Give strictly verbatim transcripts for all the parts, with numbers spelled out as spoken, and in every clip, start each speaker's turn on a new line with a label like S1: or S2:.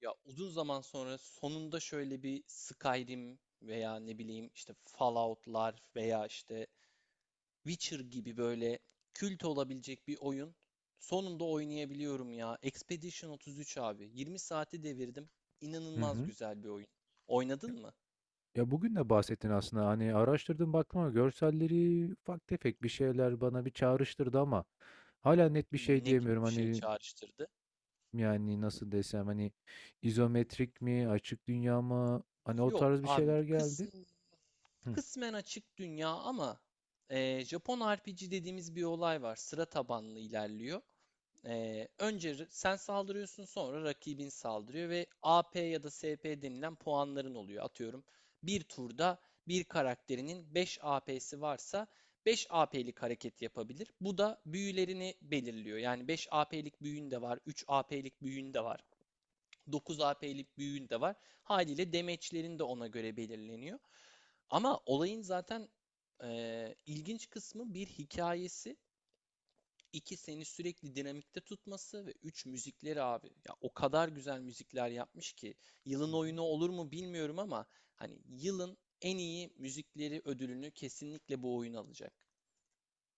S1: Ya uzun zaman sonra sonunda şöyle bir Skyrim veya ne bileyim işte Fallout'lar veya işte Witcher gibi böyle kült olabilecek bir oyun sonunda oynayabiliyorum ya. Expedition otuz üç abi. yirmi saati devirdim.
S2: Hı
S1: İnanılmaz
S2: hı.
S1: güzel bir oyun.
S2: Ya
S1: Oynadın mı?
S2: ya, bugün de bahsettin aslında. Hani, araştırdım, baktım ama görselleri ufak tefek bir şeyler bana bir çağrıştırdı ama hala net bir şey
S1: Ne gibi
S2: diyemiyorum.
S1: bir şey
S2: Hani,
S1: çağrıştırdı?
S2: yani, nasıl desem, hani, izometrik mi, açık dünya mı? Hani, o
S1: Yok
S2: tarz bir
S1: abi
S2: şeyler geldi.
S1: kısmen,
S2: Hıh.
S1: kısmen açık dünya ama e, Japon R P G dediğimiz bir olay var. Sıra tabanlı ilerliyor. Ee, önce sen saldırıyorsun sonra rakibin saldırıyor ve A P ya da S P denilen puanların oluyor. Atıyorum bir turda bir karakterinin beş A P'si varsa beş A P'lik hareket yapabilir. Bu da büyülerini belirliyor. Yani beş A P'lik büyün de var, üç A P'lik büyün de var, dokuz A P'lik büyün de var. Haliyle damage'lerin de ona göre belirleniyor. Ama olayın zaten eee, ilginç kısmı bir hikayesi iki seni sürekli dinamikte tutması ve üç müzikleri abi. Ya o kadar güzel müzikler yapmış ki
S2: Hı
S1: yılın
S2: hı.
S1: oyunu olur mu bilmiyorum ama hani yılın en iyi müzikleri ödülünü kesinlikle bu oyun alacak.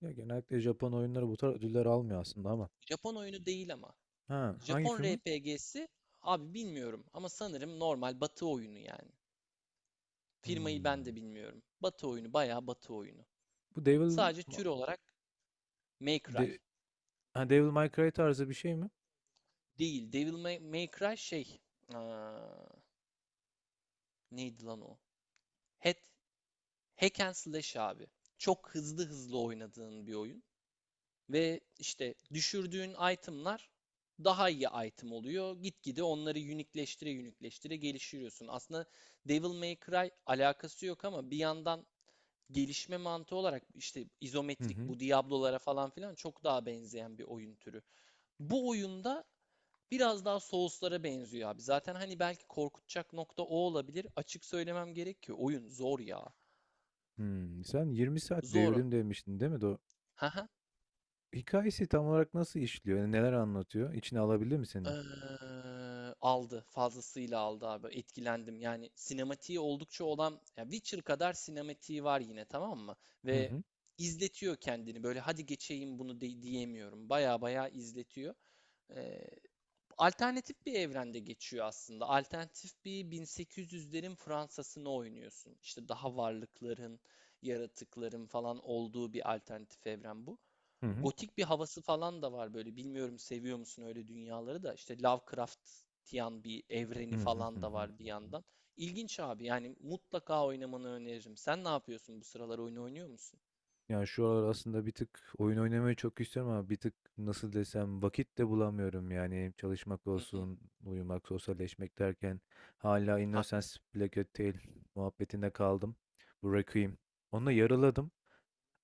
S2: Ya, genellikle Japon oyunları bu tarz ödüller almıyor aslında ama.
S1: Japon oyunu değil ama.
S2: Ha, hangi
S1: Japon
S2: firma?
S1: R P G'si abi bilmiyorum ama sanırım normal batı oyunu yani. Firmayı ben de
S2: Hımm.
S1: bilmiyorum. Batı oyunu bayağı batı oyunu.
S2: Bu Devil
S1: Sadece
S2: ma
S1: tür olarak May Cry
S2: de ha, Devil May Cry tarzı bir şey mi?
S1: değil. Devil May, May Cry şey. Aa, neydi lan o? Hat Hack and slash abi. Çok hızlı hızlı oynadığın bir oyun. Ve işte düşürdüğün itemlar daha iyi item oluyor. Gitgide onları unikleştire unikleştire geliştiriyorsun. Aslında Devil May Cry alakası yok ama bir yandan gelişme mantığı olarak işte
S2: Hı
S1: izometrik
S2: hı.
S1: bu Diablo'lara falan filan çok daha benzeyen bir oyun türü. Bu oyunda biraz daha Souls'lara benziyor abi. Zaten hani belki korkutacak nokta o olabilir. Açık söylemem gerek ki oyun zor ya.
S2: Hımm. Sen yirmi saat
S1: Zor.
S2: devirdim demiştin, değil mi? Do Hikâyesi tam olarak nasıl işliyor? Yani neler anlatıyor? İçine alabildi mi seni?
S1: Eee, aldı. Fazlasıyla aldı abi. Etkilendim. Yani sinematiği oldukça olan ya Witcher kadar sinematiği var yine tamam mı?
S2: Hı
S1: Ve
S2: hı.
S1: izletiyor kendini. Böyle hadi geçeyim bunu de- diyemiyorum. Baya baya izletiyor. Eee, alternatif bir evrende geçiyor aslında. Alternatif bir bin sekiz yüzlerin Fransa'sını oynuyorsun. İşte daha varlıkların, yaratıkların falan olduğu bir alternatif evren bu.
S2: Hı hı.
S1: Gotik bir havası falan da var böyle. Bilmiyorum seviyor musun öyle dünyaları da. İşte Lovecraftian bir
S2: Hı
S1: evreni
S2: hı. Hı
S1: falan da
S2: hı.
S1: var bir
S2: Hı.
S1: yandan. İlginç abi. Yani mutlaka oynamanı öneririm. Sen ne yapıyorsun bu sıralar oyun oynuyor musun?
S2: Yani, şu aralar aslında bir tık oyun oynamayı çok istiyorum ama bir tık, nasıl desem, vakit de bulamıyorum. Yani, çalışmak
S1: Hı hı.
S2: olsun, uyumak, sosyalleşmek derken hala Innocence
S1: Haklısın.
S2: Black hotel muhabbetinde kaldım. Bu Requiem. Onu yarıladım.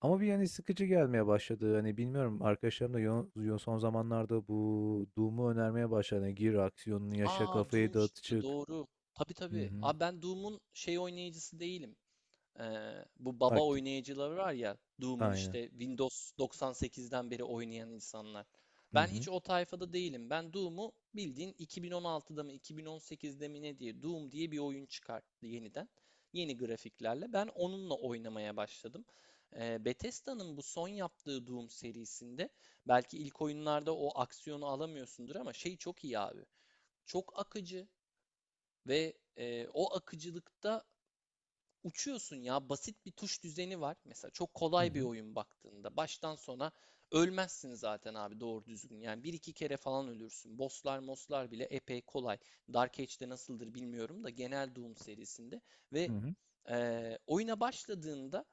S2: Ama bir yani sıkıcı gelmeye başladı. Hani bilmiyorum arkadaşlarım da yo- yo- son zamanlarda bu Doom'u önermeye başladı. Hani gir aksiyonunu yaşa
S1: Aa,
S2: kafayı
S1: Doom
S2: dağıt
S1: çıktı
S2: çık.
S1: doğru. Tabii
S2: Hı
S1: tabii.
S2: hı.
S1: Abi ben Doom'un şey oynayıcısı değilim. Ee, bu baba
S2: Aktif.
S1: oynayıcıları var ya Doom'un
S2: Aynen.
S1: işte Windows doksan sekizden beri oynayan insanlar.
S2: Hı
S1: Ben
S2: hı.
S1: hiç o tayfada değilim. Ben Doom'u bildiğin iki bin on altıda mı iki bin on sekizde mi ne diye Doom diye bir oyun çıkarttı yeniden. Yeni grafiklerle. Ben onunla oynamaya başladım. Ee, Bethesda'nın bu son yaptığı Doom serisinde belki ilk oyunlarda o aksiyonu alamıyorsundur ama şey çok iyi abi. Çok akıcı ve e, o akıcılıkta uçuyorsun ya. Basit bir tuş düzeni var. Mesela çok
S2: Hı
S1: kolay bir
S2: hı.
S1: oyun baktığında. Baştan sona ölmezsin zaten abi doğru düzgün. Yani bir iki kere falan ölürsün. Bosslar moslar bile epey kolay. Dark Age'de nasıldır bilmiyorum da genel Doom serisinde.
S2: Hı
S1: Ve
S2: hı.
S1: eee, oyuna başladığında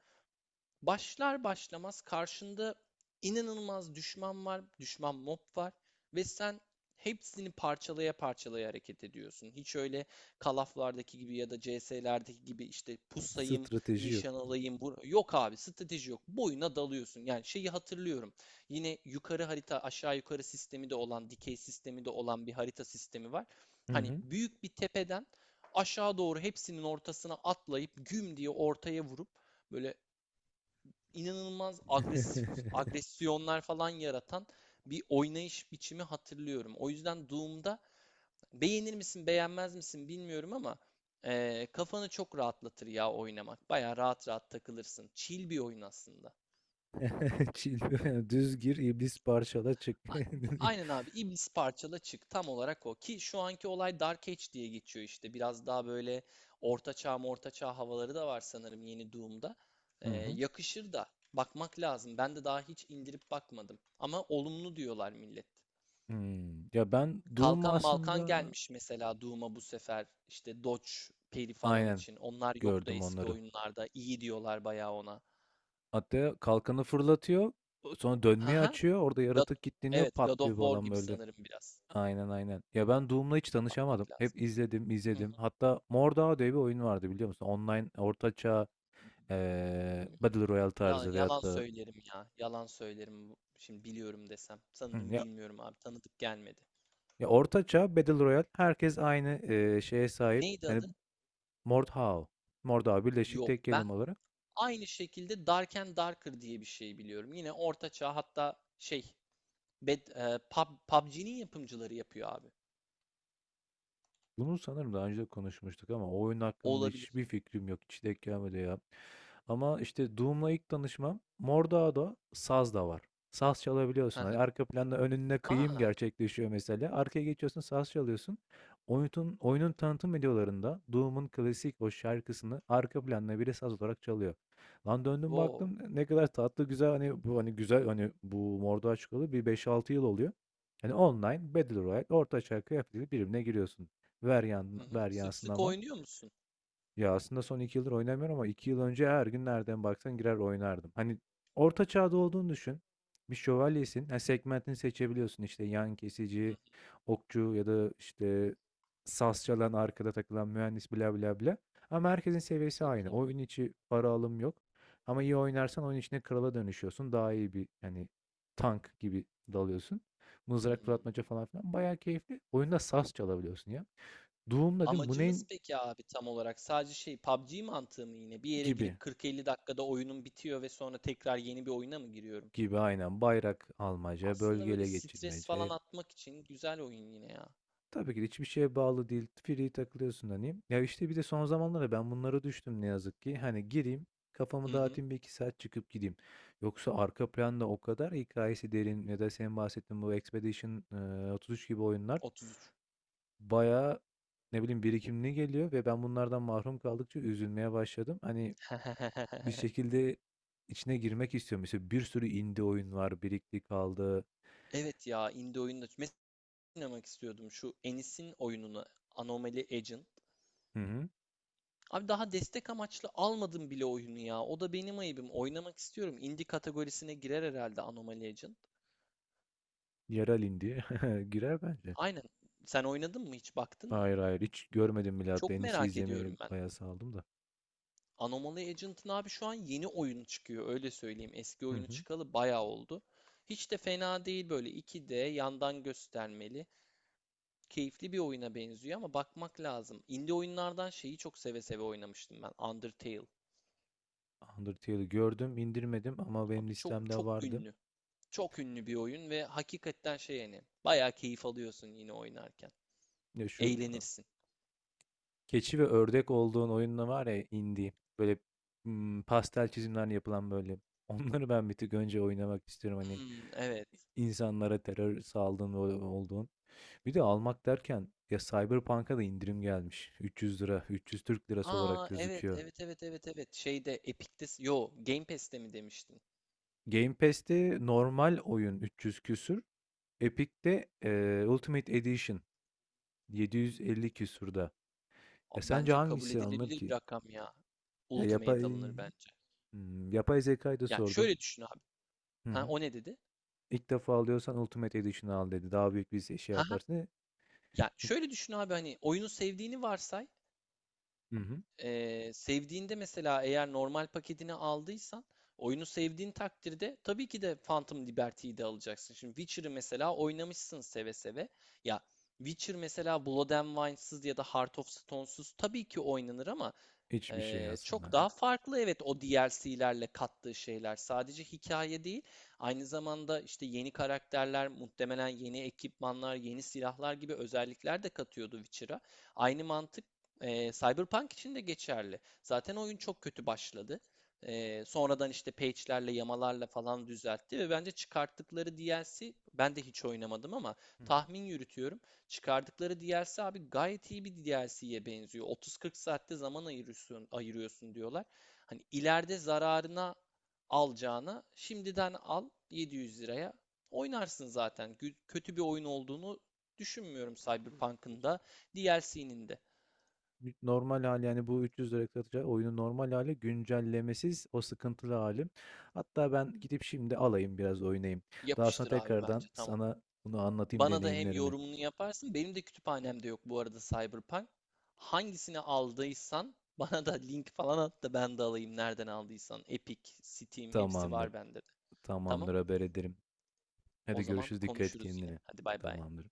S1: Başlar başlamaz karşında inanılmaz düşman var, düşman mob var ve sen hepsini parçalaya parçalaya hareket ediyorsun. Hiç öyle Call of'lardaki gibi ya da C S'lerdeki gibi işte pusayım,
S2: Strateji yok.
S1: nişan alayım. Yok abi strateji yok. Boyuna dalıyorsun. Yani şeyi hatırlıyorum. Yine yukarı harita aşağı yukarı sistemi de olan, dikey sistemi de olan bir harita sistemi var.
S2: Hı
S1: Hani
S2: hı.
S1: büyük bir tepeden aşağı doğru hepsinin ortasına atlayıp güm diye ortaya vurup böyle inanılmaz agresif agresyonlar falan yaratan bir oynayış biçimi hatırlıyorum. O yüzden Doom'da beğenir misin beğenmez misin bilmiyorum ama eee, kafanı çok rahatlatır ya oynamak. Baya rahat rahat takılırsın. Chill bir oyun aslında.
S2: Chill. Düz gir iblis parçala çık.
S1: Aynen abi. İblis parçala çık. Tam olarak o. Ki şu anki olay Dark Age diye geçiyor işte. Biraz daha böyle orta çağ orta çağ havaları da var sanırım yeni Doom'da.
S2: Hı
S1: Ee,
S2: hı.
S1: yakışır da. Bakmak lazım. Ben de daha hiç indirip bakmadım. Ama olumlu diyorlar millet.
S2: Hmm. Ya ben Doom
S1: Kalkan Malkan
S2: aslında
S1: gelmiş mesela Doom'a bu sefer. İşte Dodge peri falan
S2: aynen
S1: için. Onlar yoktu
S2: gördüm
S1: eski
S2: onları.
S1: oyunlarda. İyi diyorlar bayağı ona.
S2: Hatta kalkanı fırlatıyor. Sonra dönmeyi
S1: Haha.
S2: açıyor. Orada
S1: God,
S2: yaratık kilitleniyor.
S1: evet God of
S2: Patlıyor
S1: War
S2: falan
S1: gibi
S2: böyle.
S1: sanırım biraz.
S2: Aynen aynen. Ya ben Doom'la hiç tanışamadım.
S1: Bakmak lazım.
S2: Hep izledim
S1: Hı
S2: izledim. Hatta Mordhau diye bir oyun vardı biliyor musun? Online ortaçağ eee
S1: hı.
S2: Battle Royale
S1: Ya,
S2: tarzı
S1: yalan
S2: veyahut da
S1: söylerim ya. Yalan söylerim. Şimdi biliyorum desem.
S2: hı,
S1: Sanırım
S2: ya,
S1: bilmiyorum abi. Tanıdık gelmedi.
S2: ya ortaçağ Battle Royale herkes aynı eee, şeye sahip.
S1: Neydi
S2: Yani
S1: adı?
S2: Mordhau. Mordhau birleşik
S1: Yok.
S2: tek
S1: Ben
S2: kelime olarak.
S1: aynı şekilde Dark and Darker diye bir şey biliyorum. Yine orta çağ hatta şey Bed, e, Pub, PUBG'nin yapımcıları yapıyor abi.
S2: Bunu sanırım daha önce de konuşmuştuk ama o oyun hakkında
S1: Olabilir.
S2: hiçbir fikrim yok. Hiç denk gelmedi ya. Ama işte Doom'la ilk tanışmam Mordağda saz da var. Saz
S1: Hı
S2: çalabiliyorsun.
S1: hı.
S2: Hani arka planda önüne kıyım
S1: Aa,
S2: gerçekleşiyor mesela. Arkaya geçiyorsun saz çalıyorsun. Oyunun, oyunun tanıtım videolarında Doom'un klasik o şarkısını arka planda biri saz olarak çalıyor. Lan döndüm
S1: wow.
S2: baktım ne kadar tatlı güzel hani bu hani güzel hani bu Mordor çıkalı bir beş altı yıl oluyor. Hani online Battle Royale orta çağ kıyafetiyle birbirine giriyorsun. Ver yan
S1: Hı hı.
S2: ver
S1: Sık
S2: Yasin
S1: sık
S2: Aman.
S1: oynuyor musun?
S2: Ya, aslında son iki yıldır oynamıyorum ama iki yıl önce her gün nereden baksan girer oynardım. Hani orta çağda olduğunu düşün. Bir şövalyesin. Ha, segmentini
S1: Hı hı,
S2: seçebiliyorsun işte yan
S1: hı
S2: kesici,
S1: hı.
S2: okçu ya da işte saz çalan arkada takılan mühendis bla bla bla. Ama herkesin seviyesi
S1: Çok
S2: aynı.
S1: iyi.
S2: Oyun içi para alım yok. Ama iyi oynarsan oyun içine krala dönüşüyorsun. Daha iyi bir hani tank gibi dalıyorsun. Mızrak
S1: Hmm.
S2: fırlatmaca falan filan. Bayağı keyifli. Oyunda saz çalabiliyorsun ya. Doğumla değil mi? Bu
S1: Amacımız
S2: neyin
S1: peki abi tam olarak sadece şey PUBG mantığı mı yine? Bir yere
S2: gibi?
S1: girip kırk elli dakikada oyunum bitiyor ve sonra tekrar yeni bir oyuna mı giriyorum?
S2: Gibi aynen. Bayrak almaca,
S1: Aslında böyle
S2: bölgele
S1: stres falan
S2: geçirmece.
S1: atmak için güzel oyun yine ya.
S2: Tabii ki de hiçbir şeye bağlı değil. Free takılıyorsun hani. Ya işte bir de son zamanlarda ben bunlara düştüm ne yazık ki. Hani gireyim,
S1: Hı
S2: kafamı
S1: hı.
S2: dağıtayım bir iki saat çıkıp gideyim. Yoksa arka planda o kadar hikayesi derin ya da senin bahsettiğin bu Expedition e, otuz üç gibi oyunlar
S1: otuz üç.
S2: bayağı ne bileyim birikimli geliyor ve ben bunlardan mahrum kaldıkça üzülmeye başladım. Hani. Bir şekilde içine girmek istiyorum. Mesela bir sürü indie oyun var, birikti kaldı.
S1: Evet ya indie oyunda mesela oynamak istiyordum şu Enis'in oyununu Anomaly Agent.
S2: Hı hı.
S1: Abi daha destek amaçlı almadım bile oyunu ya. O da benim ayıbım. Oynamak istiyorum. Indie kategorisine girer herhalde Anomaly Agent.
S2: Yerel indie girer bence.
S1: Aynen. Sen oynadın mı hiç baktın mı?
S2: Hayır hayır hiç görmedim bile, hatta
S1: Çok
S2: en iyisi
S1: merak
S2: izlemeyi
S1: ediyorum ben.
S2: bayağı saldım da.
S1: Anomaly Agent'ın abi şu an yeni oyunu çıkıyor öyle söyleyeyim. Eski
S2: Hı
S1: oyunu
S2: hı.
S1: çıkalı bayağı oldu. Hiç de fena değil böyle iki D yandan göstermeli. Keyifli bir oyuna benziyor ama bakmak lazım. Indie oyunlardan şeyi çok seve seve oynamıştım ben. Undertale.
S2: Undertale'i gördüm, indirmedim ama benim
S1: Abi çok
S2: listemde
S1: çok
S2: vardı.
S1: ünlü. Çok ünlü bir oyun ve hakikaten şey yani bayağı keyif alıyorsun yine oynarken.
S2: Ya şu
S1: Eğlenirsin.
S2: keçi ve ördek olduğun oyunla var ya indie. Böyle mm, pastel çizimler yapılan böyle. Onları ben bir tık önce oynamak istiyorum. Hani.
S1: Hmm, evet.
S2: İnsanlara terör saldığın ol- olduğun. Bir de almak derken ya Cyberpunk'a da indirim gelmiş. üç yüz lira, üç yüz Türk lirası olarak
S1: Aa, evet
S2: gözüküyor.
S1: evet evet evet evet. Şeyde Epic'te yo Game Pass'te mi demiştin?
S2: Game Pass'te normal oyun üç yüz küsür. Epic'te e, Ultimate Edition yedi yüz elli küsürde. Ya
S1: Abi
S2: sence
S1: bence kabul
S2: hangisi alınır
S1: edilebilir bir
S2: ki?
S1: rakam ya.
S2: Ya
S1: Ultimate
S2: yapay
S1: alınır bence.
S2: Hmm, yapay zekayı da
S1: Ya
S2: sordum.
S1: şöyle düşün abi.
S2: Hı
S1: Ha
S2: hı.
S1: o ne dedi?
S2: İlk defa alıyorsan Ultimate Edition'ı al dedi. Daha büyük bir şey
S1: Ha ha.
S2: yaparsın.
S1: Ya
S2: Çünkü
S1: şöyle düşün abi hani oyunu sevdiğini varsay.
S2: hı hı.
S1: Ee, sevdiğinde mesela eğer normal paketini aldıysan oyunu sevdiğin takdirde tabii ki de Phantom Liberty'yi de alacaksın. Şimdi Witcher'ı mesela oynamışsın seve seve. Ya Witcher mesela Blood and Wine'sız ya da Heart of Stone'suz tabii ki oynanır ama
S2: Hiçbir şey
S1: Ee, çok
S2: aslında.
S1: daha farklı evet o D L C'lerle kattığı şeyler. Sadece hikaye değil, aynı zamanda işte yeni karakterler, muhtemelen yeni ekipmanlar, yeni silahlar gibi özellikler de katıyordu Witcher'a. Aynı mantık e, Cyberpunk için de geçerli. Zaten oyun çok kötü başladı. Ee, sonradan işte patch'lerle, yamalarla falan düzeltti ve bence çıkarttıkları D L C ben de hiç oynamadım ama
S2: Hı hı.
S1: tahmin yürütüyorum. Çıkardıkları D L C abi gayet iyi bir D L C'ye benziyor. otuz kırk saatte zaman ayırıyorsun, ayırıyorsun diyorlar. Hani ileride zararına alacağına şimdiden al yedi yüz liraya oynarsın zaten. Kötü bir oyun olduğunu düşünmüyorum Cyberpunk'ın da D L C'nin de.
S2: Normal hali yani bu üç yüz lira satacağı oyunun normal hali güncellemesiz o sıkıntılı hali. Hatta ben gidip şimdi alayım biraz oynayayım. Daha sonra
S1: Yapıştır abi bence
S2: tekrardan
S1: tamam.
S2: sana bunu anlatayım
S1: Bana da hem
S2: deneyimlerimi.
S1: yorumunu yaparsın. Benim de kütüphanemde yok bu arada Cyberpunk. Hangisini aldıysan bana da link falan at da ben de alayım nereden aldıysan. Epic, Steam hepsi
S2: Tamamdır.
S1: var bende de. Tamam?
S2: Tamamdır, haber ederim.
S1: O
S2: Hadi
S1: zaman
S2: görüşürüz, dikkat et
S1: konuşuruz yine.
S2: kendine.
S1: Hadi bay bay.
S2: Tamamdır.